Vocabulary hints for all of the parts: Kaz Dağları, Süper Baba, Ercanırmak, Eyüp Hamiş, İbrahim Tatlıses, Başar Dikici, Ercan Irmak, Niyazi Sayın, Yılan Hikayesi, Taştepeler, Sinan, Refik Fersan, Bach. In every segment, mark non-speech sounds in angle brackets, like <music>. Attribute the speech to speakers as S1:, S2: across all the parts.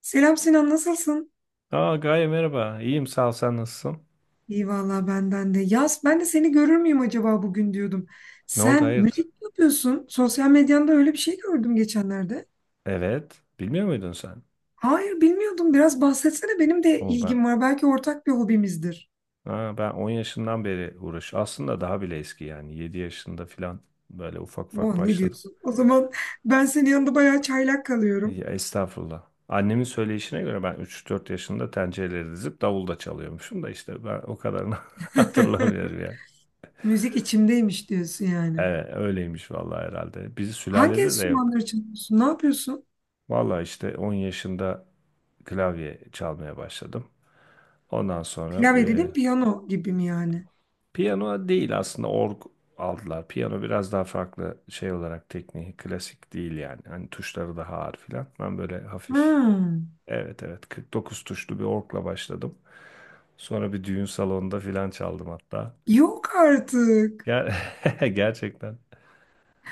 S1: Selam Sinan, nasılsın?
S2: Aa Gaye merhaba. İyiyim sağ ol, sen nasılsın?
S1: İyi valla benden de. Yaz, ben de seni görür müyüm acaba bugün diyordum.
S2: Ne oldu
S1: Sen
S2: hayırdır?
S1: müzik mi yapıyorsun? Sosyal medyanda öyle bir şey gördüm geçenlerde.
S2: Evet. Bilmiyor muydun sen?
S1: Hayır, bilmiyordum. Biraz bahsetsene. Benim de
S2: O ben.
S1: ilgim var. Belki ortak bir hobimizdir.
S2: Aa, ben 10 yaşından beri uğraş. Aslında daha bile eski yani. Yedi yaşında falan böyle ufak
S1: Oh,
S2: ufak
S1: ne
S2: başladım.
S1: diyorsun? O zaman ben senin yanında bayağı çaylak kalıyorum.
S2: Ya, estağfurullah. Annemin söyleyişine göre ben üç dört yaşında tencereleri dizip davul da çalıyormuşum da işte ben o kadarını <laughs>
S1: <laughs>
S2: hatırlamıyorum yani.
S1: Müzik içimdeymiş diyorsun yani.
S2: Evet öyleymiş vallahi herhalde. Bizi
S1: Hangi
S2: sülalede de yok.
S1: enstrümanları çalıyorsun? Ne yapıyorsun?
S2: Vallahi işte 10 yaşında klavye çalmaya başladım. Ondan sonra
S1: Klavye dedim, piyano gibi mi yani?
S2: Piyano değil aslında org aldılar. Piyano biraz daha farklı şey olarak tekniği klasik değil yani. Hani tuşları daha ağır filan. Ben böyle hafif,
S1: Hmm.
S2: evet, evet, 49 tuşlu bir orgla başladım. Sonra bir düğün salonunda filan çaldım hatta.
S1: Yok artık.
S2: Ger <laughs> gerçekten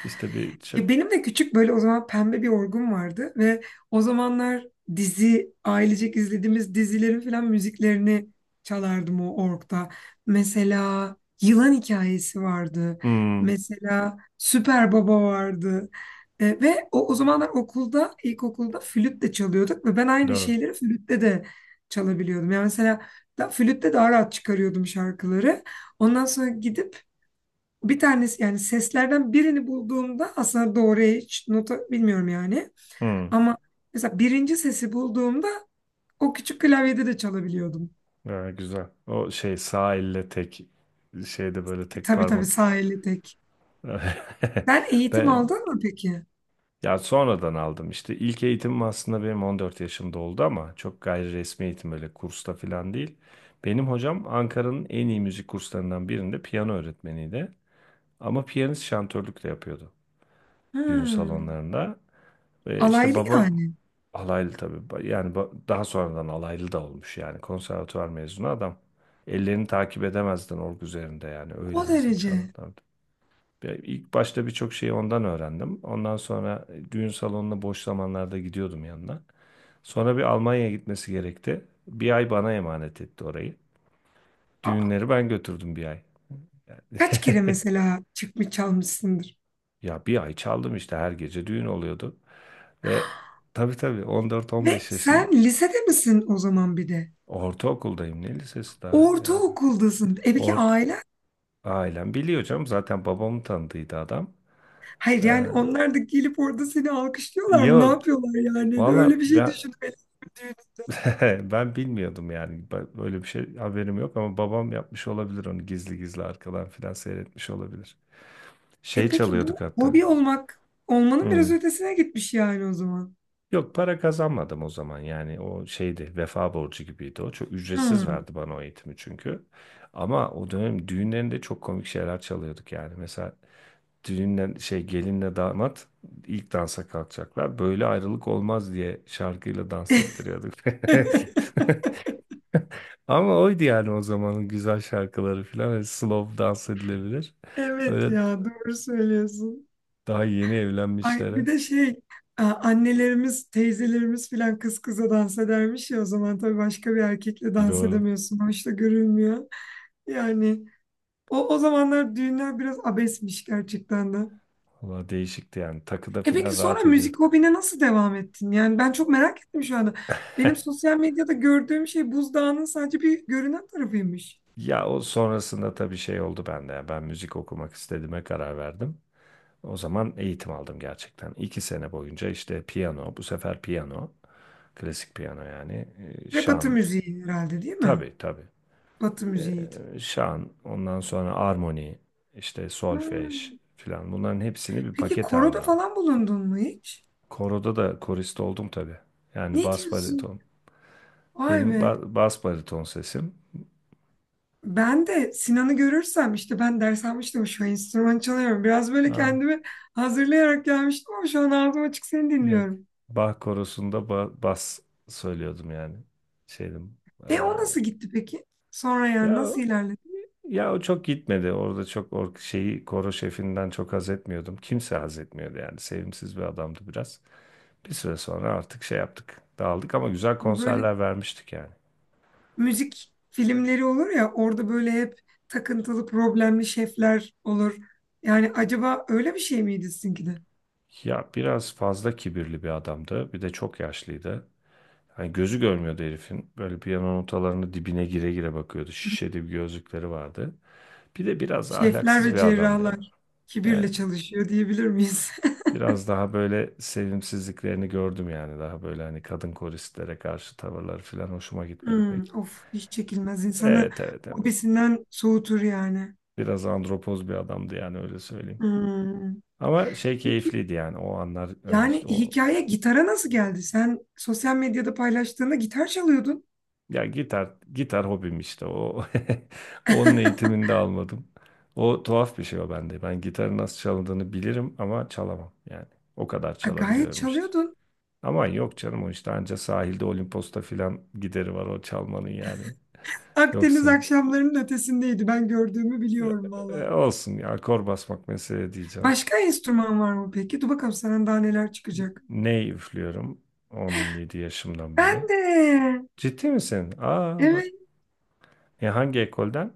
S2: işte bir çok.
S1: Ya benim de küçük böyle o zaman pembe bir orgum vardı ve o zamanlar ailecek izlediğimiz dizilerin falan müziklerini çalardım o orgda. Mesela Yılan Hikayesi vardı.
S2: Hmm,
S1: Mesela Süper Baba vardı. Ve o zamanlar okulda, ilkokulda flüt de çalıyorduk ve ben aynı
S2: doğru.
S1: şeyleri flütte de çalabiliyordum. Yani mesela da, flütte daha rahat çıkarıyordum şarkıları. Ondan sonra gidip bir tanesi yani seslerden birini bulduğumda aslında doğru hiç nota bilmiyorum yani.
S2: Hmm.
S1: Ama mesela birinci sesi bulduğumda o küçük klavyede de çalabiliyordum.
S2: Ha, güzel. O şey sağ elle tek, şeyde böyle tek
S1: Tabii tabii
S2: parmak.
S1: sağ elle tek.
S2: <laughs>
S1: Sen eğitim
S2: Ben.
S1: aldın mı peki?
S2: Ya sonradan aldım işte ilk eğitimim aslında benim 14 yaşımda oldu ama çok gayri resmi eğitim, öyle kursta falan değil. Benim hocam Ankara'nın en iyi müzik kurslarından birinde piyano öğretmeniydi. Ama piyanist şantörlük de yapıyordu düğün
S1: Hmm.
S2: salonlarında. Ve işte
S1: Alaylı
S2: babam
S1: yani.
S2: alaylı tabii. Yani daha sonradan alaylı da olmuş yani, konservatuvar mezunu adam. Ellerini takip edemezdin org üzerinde yani, öyle
S1: O
S2: hızlı
S1: derece.
S2: çalardı. İlk başta birçok şeyi ondan öğrendim. Ondan sonra düğün salonuna boş zamanlarda gidiyordum yanına. Sonra bir Almanya'ya gitmesi gerekti. Bir ay bana emanet etti orayı.
S1: Aa,
S2: Düğünleri ben götürdüm bir ay.
S1: kaç kere
S2: <laughs>
S1: mesela çıkmış çalmışsındır?
S2: Ya bir ay çaldım işte, her gece düğün oluyordu. Ve, tabii, tabii,
S1: Ve
S2: 14-15 yaşında
S1: sen lisede misin o zaman bir de?
S2: ortaokuldayım, ne lisesi daha yani.
S1: Ortaokuldasın. E peki
S2: Ort
S1: aile.
S2: ailem biliyor canım, zaten babamı tanıdıydı adam.
S1: Hayır yani
S2: Ee,
S1: onlar da gelip orada seni alkışlıyorlar mı? Ne
S2: yok,
S1: yapıyorlar yani?
S2: valla
S1: Öyle bir şey düşünmeli.
S2: <laughs> Ben bilmiyordum yani. Böyle bir şey haberim yok ama babam yapmış olabilir onu, gizli gizli arkadan filan seyretmiş olabilir.
S1: E
S2: Şey
S1: peki bu
S2: çalıyorduk hatta.
S1: hobi olmak olmanın
S2: Hmm.
S1: biraz ötesine gitmiş yani o zaman.
S2: Yok, para kazanmadım o zaman yani, o şeydi, vefa borcu gibiydi o. Çok ücretsiz
S1: Hmm.
S2: verdi bana o eğitimi çünkü. Ama o dönem düğünlerinde çok komik şeyler çalıyorduk yani. Mesela düğünle şey gelinle damat ilk dansa kalkacaklar. Böyle ayrılık olmaz diye şarkıyla dans ettiriyorduk.
S1: <laughs>
S2: <laughs> Ama oydu yani, o zamanın güzel şarkıları falan. Hani slow, dans edilebilir.
S1: Evet
S2: Öyle,
S1: ya doğru söylüyorsun.
S2: daha yeni
S1: Ay bir
S2: evlenmişlere.
S1: de şey annelerimiz, teyzelerimiz filan kız kıza dans edermiş ya o zaman tabii başka bir erkekle dans
S2: Doğru.
S1: edemiyorsun. Hoş da görülmüyor. Yani o zamanlar düğünler biraz abesmiş gerçekten de.
S2: Valla değişikti yani. Takıda
S1: E peki
S2: falan
S1: sonra
S2: rahat
S1: müzik
S2: ediyorduk.
S1: hobine nasıl devam ettin? Yani ben çok merak ettim şu anda. Benim
S2: <laughs>
S1: sosyal medyada gördüğüm şey buzdağının sadece bir görünen tarafıymış.
S2: Ya o sonrasında tabii şey oldu bende. Ya. Ben müzik okumak istediğime karar verdim. O zaman eğitim aldım gerçekten. İki sene boyunca işte piyano, bu sefer piyano, klasik piyano yani,
S1: Ve Batı
S2: şan.
S1: müziği herhalde değil mi?
S2: Tabii, tabii.
S1: Batı müziğiydi.
S2: Şan, ondan sonra armoni, işte solfej
S1: Hmm.
S2: filan, bunların hepsini bir
S1: Peki
S2: paket halinde
S1: koroda
S2: aldım.
S1: falan bulundun mu hiç?
S2: Koroda da korist oldum tabii. Yani
S1: Ne
S2: bas
S1: diyorsun?
S2: bariton.
S1: Vay
S2: Benim
S1: be.
S2: bas bariton sesim.
S1: Ben de Sinan'ı görürsem işte ben ders almıştım şu an enstrüman çalıyorum. Biraz böyle
S2: Ha,
S1: kendimi hazırlayarak gelmiştim ama şu an ağzım açık seni
S2: yok.
S1: dinliyorum.
S2: Bach korosunda bas söylüyordum yani. Şeydim.
S1: E
S2: eee,
S1: o nasıl gitti peki? Sonra yani
S2: ya
S1: nasıl ilerledi?
S2: ya o çok gitmedi. Orada çok şeyi, koro şefinden çok haz etmiyordum. Kimse haz etmiyordu yani. Sevimsiz bir adamdı biraz. Bir süre sonra artık şey yaptık, dağıldık, ama güzel
S1: Bu böyle
S2: konserler vermiştik yani.
S1: müzik filmleri olur ya orada böyle hep takıntılı problemli şefler olur. Yani acaba öyle bir şey miydi sizinki de?
S2: Ya biraz fazla kibirli bir adamdı. Bir de çok yaşlıydı. Hani gözü görmüyordu herifin. Böyle piyano notalarını dibine gire gire bakıyordu. Şişeli bir gözlükleri vardı. Bir de biraz
S1: Şefler
S2: ahlaksız
S1: ve
S2: bir adamdı yani.
S1: cerrahlar
S2: Yani
S1: kibirle çalışıyor diyebilir miyiz? <laughs>
S2: biraz daha böyle sevimsizliklerini gördüm yani. Daha böyle hani kadın koristlere karşı tavırları falan hoşuma gitmedi
S1: Hmm,
S2: pek.
S1: of hiç çekilmez insanı
S2: Evet, evet, Emir.
S1: hobisinden soğutur yani.
S2: Biraz andropoz bir adamdı yani, öyle söyleyeyim.
S1: Hmm.
S2: Ama şey
S1: Peki
S2: keyifliydi yani, o anlar hani,
S1: yani
S2: işte o.
S1: hikaye gitara nasıl geldi? Sen sosyal medyada paylaştığında gitar çalıyordun.
S2: Ya gitar, gitar hobim işte o. <laughs> Onun
S1: <laughs>
S2: eğitimini de almadım. O tuhaf bir şey o bende. Ben gitarı nasıl çalındığını bilirim ama çalamam yani. O kadar
S1: Ha, gayet
S2: çalabiliyorum işte.
S1: çalıyordun.
S2: Ama yok canım, o işte anca sahilde Olimpos'ta filan gideri var o çalmanın yani.
S1: Akdeniz
S2: Yoksa
S1: akşamlarının ötesindeydi. Ben gördüğümü
S2: e,
S1: biliyorum valla.
S2: olsun ya, akor basmak mesele diyeceğim.
S1: Başka enstrüman var mı peki? Dur bakalım sana daha neler çıkacak.
S2: Ney üflüyorum 17 yaşımdan beri.
S1: Ben de.
S2: Ciddi misin? Aa bak.
S1: Evet.
S2: Hangi ekolden?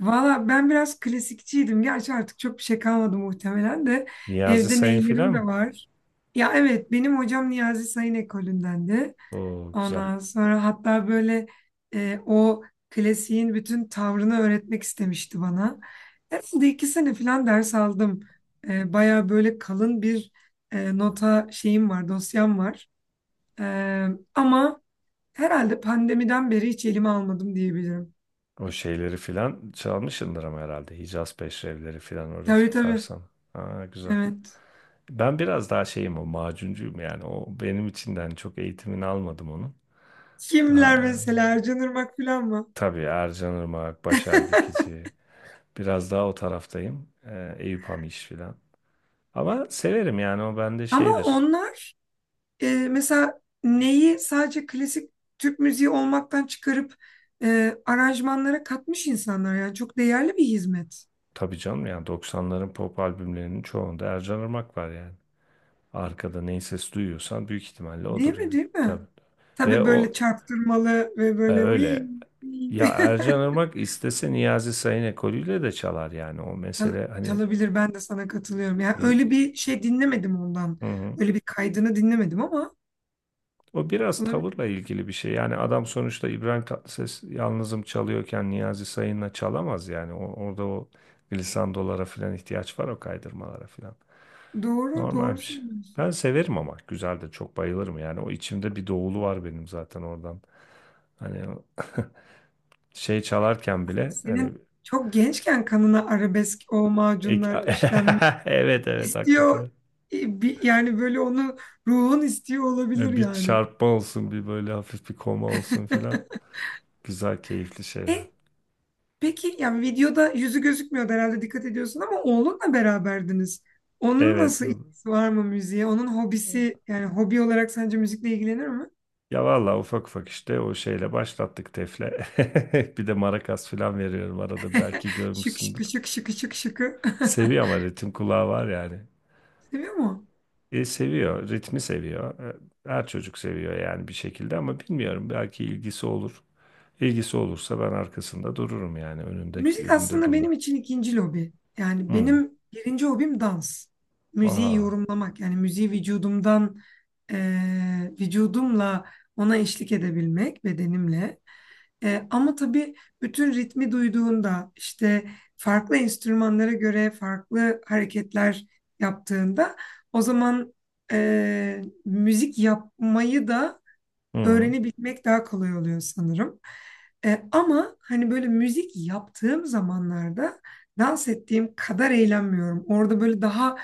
S1: Valla ben biraz klasikçiydim. Gerçi artık çok bir şey kalmadı muhtemelen de.
S2: Niyazi
S1: Evde
S2: Sayın
S1: neylerim
S2: filan mı?
S1: de var. Ya evet benim hocam Niyazi Sayın ekolündendi.
S2: Oo, güzel.
S1: Ondan sonra hatta böyle o klasiğin bütün tavrını öğretmek istemişti bana. Herhalde 2 sene falan ders aldım. Baya böyle kalın bir nota şeyim var, dosyam var. E, Ama... Herhalde pandemiden beri hiç elime almadım diyebilirim.
S2: O şeyleri filan çalmışsındır ama herhalde. Hicaz Peşrevleri filan, o
S1: Tabii
S2: Refik
S1: tabii.
S2: Fersan. Aa, güzel.
S1: Evet.
S2: Ben biraz daha şeyim, o macuncuyum yani. O benim için de hani çok eğitimini almadım onun. Daha,
S1: Kimler mesela Ercanırmak falan mı?
S2: tabii, Ercan Irmak, Başar
S1: <laughs>
S2: Dikici. Biraz daha o taraftayım. Eyüp Hamiş filan. Ama severim yani, o bende
S1: Ama
S2: şeydir.
S1: onlar mesela neyi sadece klasik Türk müziği olmaktan çıkarıp aranjmanlara katmış insanlar yani çok değerli bir hizmet.
S2: Tabii canım, yani doksanların pop albümlerinin çoğunda Ercan Irmak var yani. Arkada neyi ses duyuyorsan büyük ihtimalle
S1: Değil
S2: odur
S1: mi,
S2: yani.
S1: değil mi?
S2: Tabii. Ve
S1: Tabii böyle
S2: o
S1: çarptırmalı ve böyle "Uy,
S2: öyle.
S1: uy."
S2: Ya Ercan
S1: <laughs>
S2: Irmak istese Niyazi Sayın ekolüyle de çalar yani, o
S1: Çal-
S2: mesele hani.
S1: çalabilir ben de sana katılıyorum. Yani öyle bir şey dinlemedim ondan.
S2: Hı hı.
S1: Öyle bir kaydını dinlemedim ama
S2: O biraz
S1: olabilir.
S2: tavırla ilgili bir şey. Yani adam sonuçta İbrahim Tatlıses yalnızım çalıyorken Niyazi Sayın'la çalamaz yani. O, orada o glissandolara falan ihtiyaç var, o kaydırmalara falan.
S1: Doğru,
S2: Normal
S1: doğru
S2: bir şey. Ben
S1: söylüyorsun.
S2: severim ama, güzel de çok bayılırım yani. O, içimde bir doğulu var benim zaten oradan. Hani o <laughs> şey çalarken bile hani
S1: Senin çok gençken kanına arabesk o
S2: ek-
S1: macunlar işlenmiş.
S2: <laughs> evet, evet,
S1: İstiyor
S2: hakikaten.
S1: yani böyle onu ruhun istiyor olabilir
S2: Ya bir
S1: yani.
S2: çarpma olsun, bir böyle hafif bir koma olsun filan. Güzel, keyifli şeyler.
S1: E peki yani videoda yüzü gözükmüyordu herhalde dikkat ediyorsun ama oğlunla beraberdiniz. Onun
S2: Evet.
S1: nasıl ilgisi var mı müziğe? Onun hobisi yani hobi olarak sence müzikle ilgilenir mi?
S2: Ya vallahi ufak ufak işte o şeyle başlattık, tefle. <laughs> Bir de marakas filan veriyorum arada,
S1: <laughs>
S2: belki
S1: Şık şıkı
S2: görmüşsündür.
S1: şık şıkı şık şıkı.
S2: Seviyor, ama ritim kulağı var yani.
S1: <laughs> Seviyor mu?
S2: E, seviyor, ritmi seviyor. Her çocuk seviyor yani bir şekilde ama bilmiyorum, belki ilgisi olur. İlgisi olursa ben arkasında dururum yani, önünde
S1: Müzik
S2: önünde
S1: aslında
S2: durmam.
S1: benim için ikinci lobi. Yani
S2: Hmm.
S1: benim birinci hobim dans. Müziği
S2: Aha.
S1: yorumlamak. Yani müziği vücudumdan, vücudumla ona eşlik edebilmek, bedenimle. Ama tabii bütün ritmi duyduğunda, işte farklı enstrümanlara göre farklı hareketler yaptığında, o zaman müzik yapmayı da
S2: Hmm.
S1: öğrenebilmek daha kolay oluyor sanırım. Ama hani böyle müzik yaptığım zamanlarda dans ettiğim kadar eğlenmiyorum. Orada böyle daha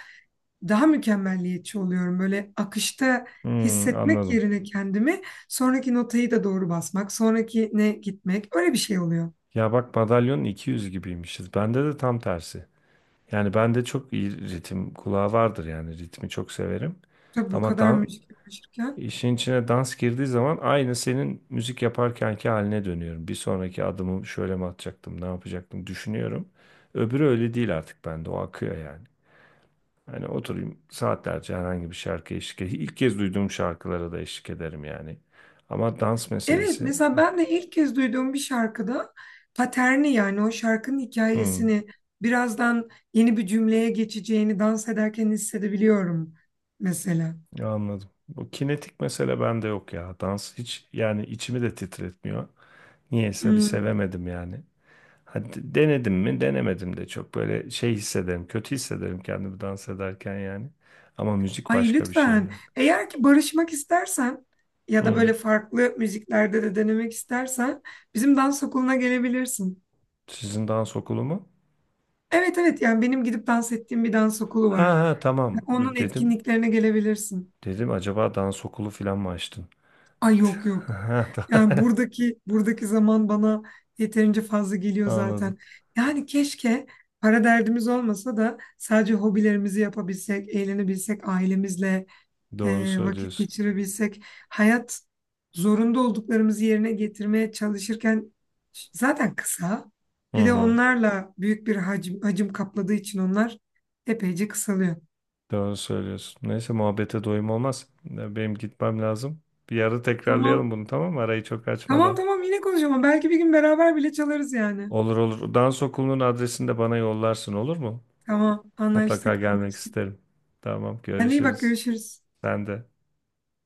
S1: daha mükemmelliyetçi oluyorum. Böyle akışta
S2: Hmm.
S1: hissetmek
S2: Anladım.
S1: yerine kendimi sonraki notayı da doğru basmak, sonrakine gitmek öyle bir şey oluyor.
S2: Ya bak, madalyonun 200 gibiymişiz. Bende de tam tersi. Yani bende çok iyi ritim kulağı vardır yani, ritmi çok severim.
S1: Tabii bu
S2: Ama
S1: kadar müzik uğraşırken.
S2: işin içine dans girdiği zaman aynı senin müzik yaparkenki haline dönüyorum. Bir sonraki adımı şöyle mi atacaktım, ne yapacaktım düşünüyorum. Öbürü öyle değil artık bende. O akıyor yani. Hani oturayım saatlerce, herhangi bir şarkı eşlik ederim. İlk kez duyduğum şarkılara da eşlik ederim yani. Ama dans
S1: Evet,
S2: meselesi
S1: mesela
S2: yok.
S1: ben de ilk kez duyduğum bir şarkıda paterni yani o şarkının
S2: Hmm.
S1: hikayesini birazdan yeni bir cümleye geçeceğini dans ederken hissedebiliyorum mesela.
S2: Anladım. Bu kinetik mesele bende yok ya. Dans hiç yani içimi de titretmiyor. Niyeyse bir
S1: Hmm.
S2: sevemedim yani. Hadi denedim mi denemedim de çok böyle şey hissederim. Kötü hissederim kendimi dans ederken yani. Ama müzik
S1: Ay
S2: başka bir şey
S1: lütfen
S2: yani.
S1: eğer ki barışmak istersen ya da
S2: Hı.
S1: böyle farklı müziklerde de denemek istersen bizim dans okuluna gelebilirsin.
S2: Sizin dans okulu mu?
S1: Evet evet yani benim gidip dans ettiğim bir dans okulu
S2: Ha,
S1: var.
S2: ha, tamam
S1: Onun
S2: dedim.
S1: etkinliklerine gelebilirsin.
S2: Dedim acaba dans okulu falan mı açtın? <laughs>
S1: Ay yok yok.
S2: Ha,
S1: Yani
S2: tamam.
S1: buradaki zaman bana yeterince fazla geliyor
S2: Anladım.
S1: zaten. Yani keşke para derdimiz olmasa da sadece hobilerimizi yapabilsek, eğlenebilsek, ailemizle
S2: Doğru
S1: vakit
S2: söylüyorsun.
S1: geçirebilsek, hayat zorunda olduklarımızı yerine getirmeye çalışırken zaten kısa.
S2: Hı
S1: Bir de
S2: hı.
S1: onlarla büyük bir hacim kapladığı için onlar epeyce kısalıyor.
S2: Doğru söylüyorsun. Neyse, muhabbete doyum olmaz. Ya, benim gitmem lazım. Bir ara
S1: Tamam.
S2: tekrarlayalım bunu, tamam mı? Arayı çok
S1: Tamam
S2: açmadan.
S1: tamam yine konuşalım. Belki bir gün beraber bile çalarız yani.
S2: Olur, olur. Dans okulunun adresini de bana yollarsın, olur mu?
S1: Tamam
S2: Mutlaka
S1: anlaştık
S2: gelmek
S1: anlaştık.
S2: isterim. Tamam,
S1: Kendine iyi bak
S2: görüşürüz.
S1: görüşürüz.
S2: Sen de.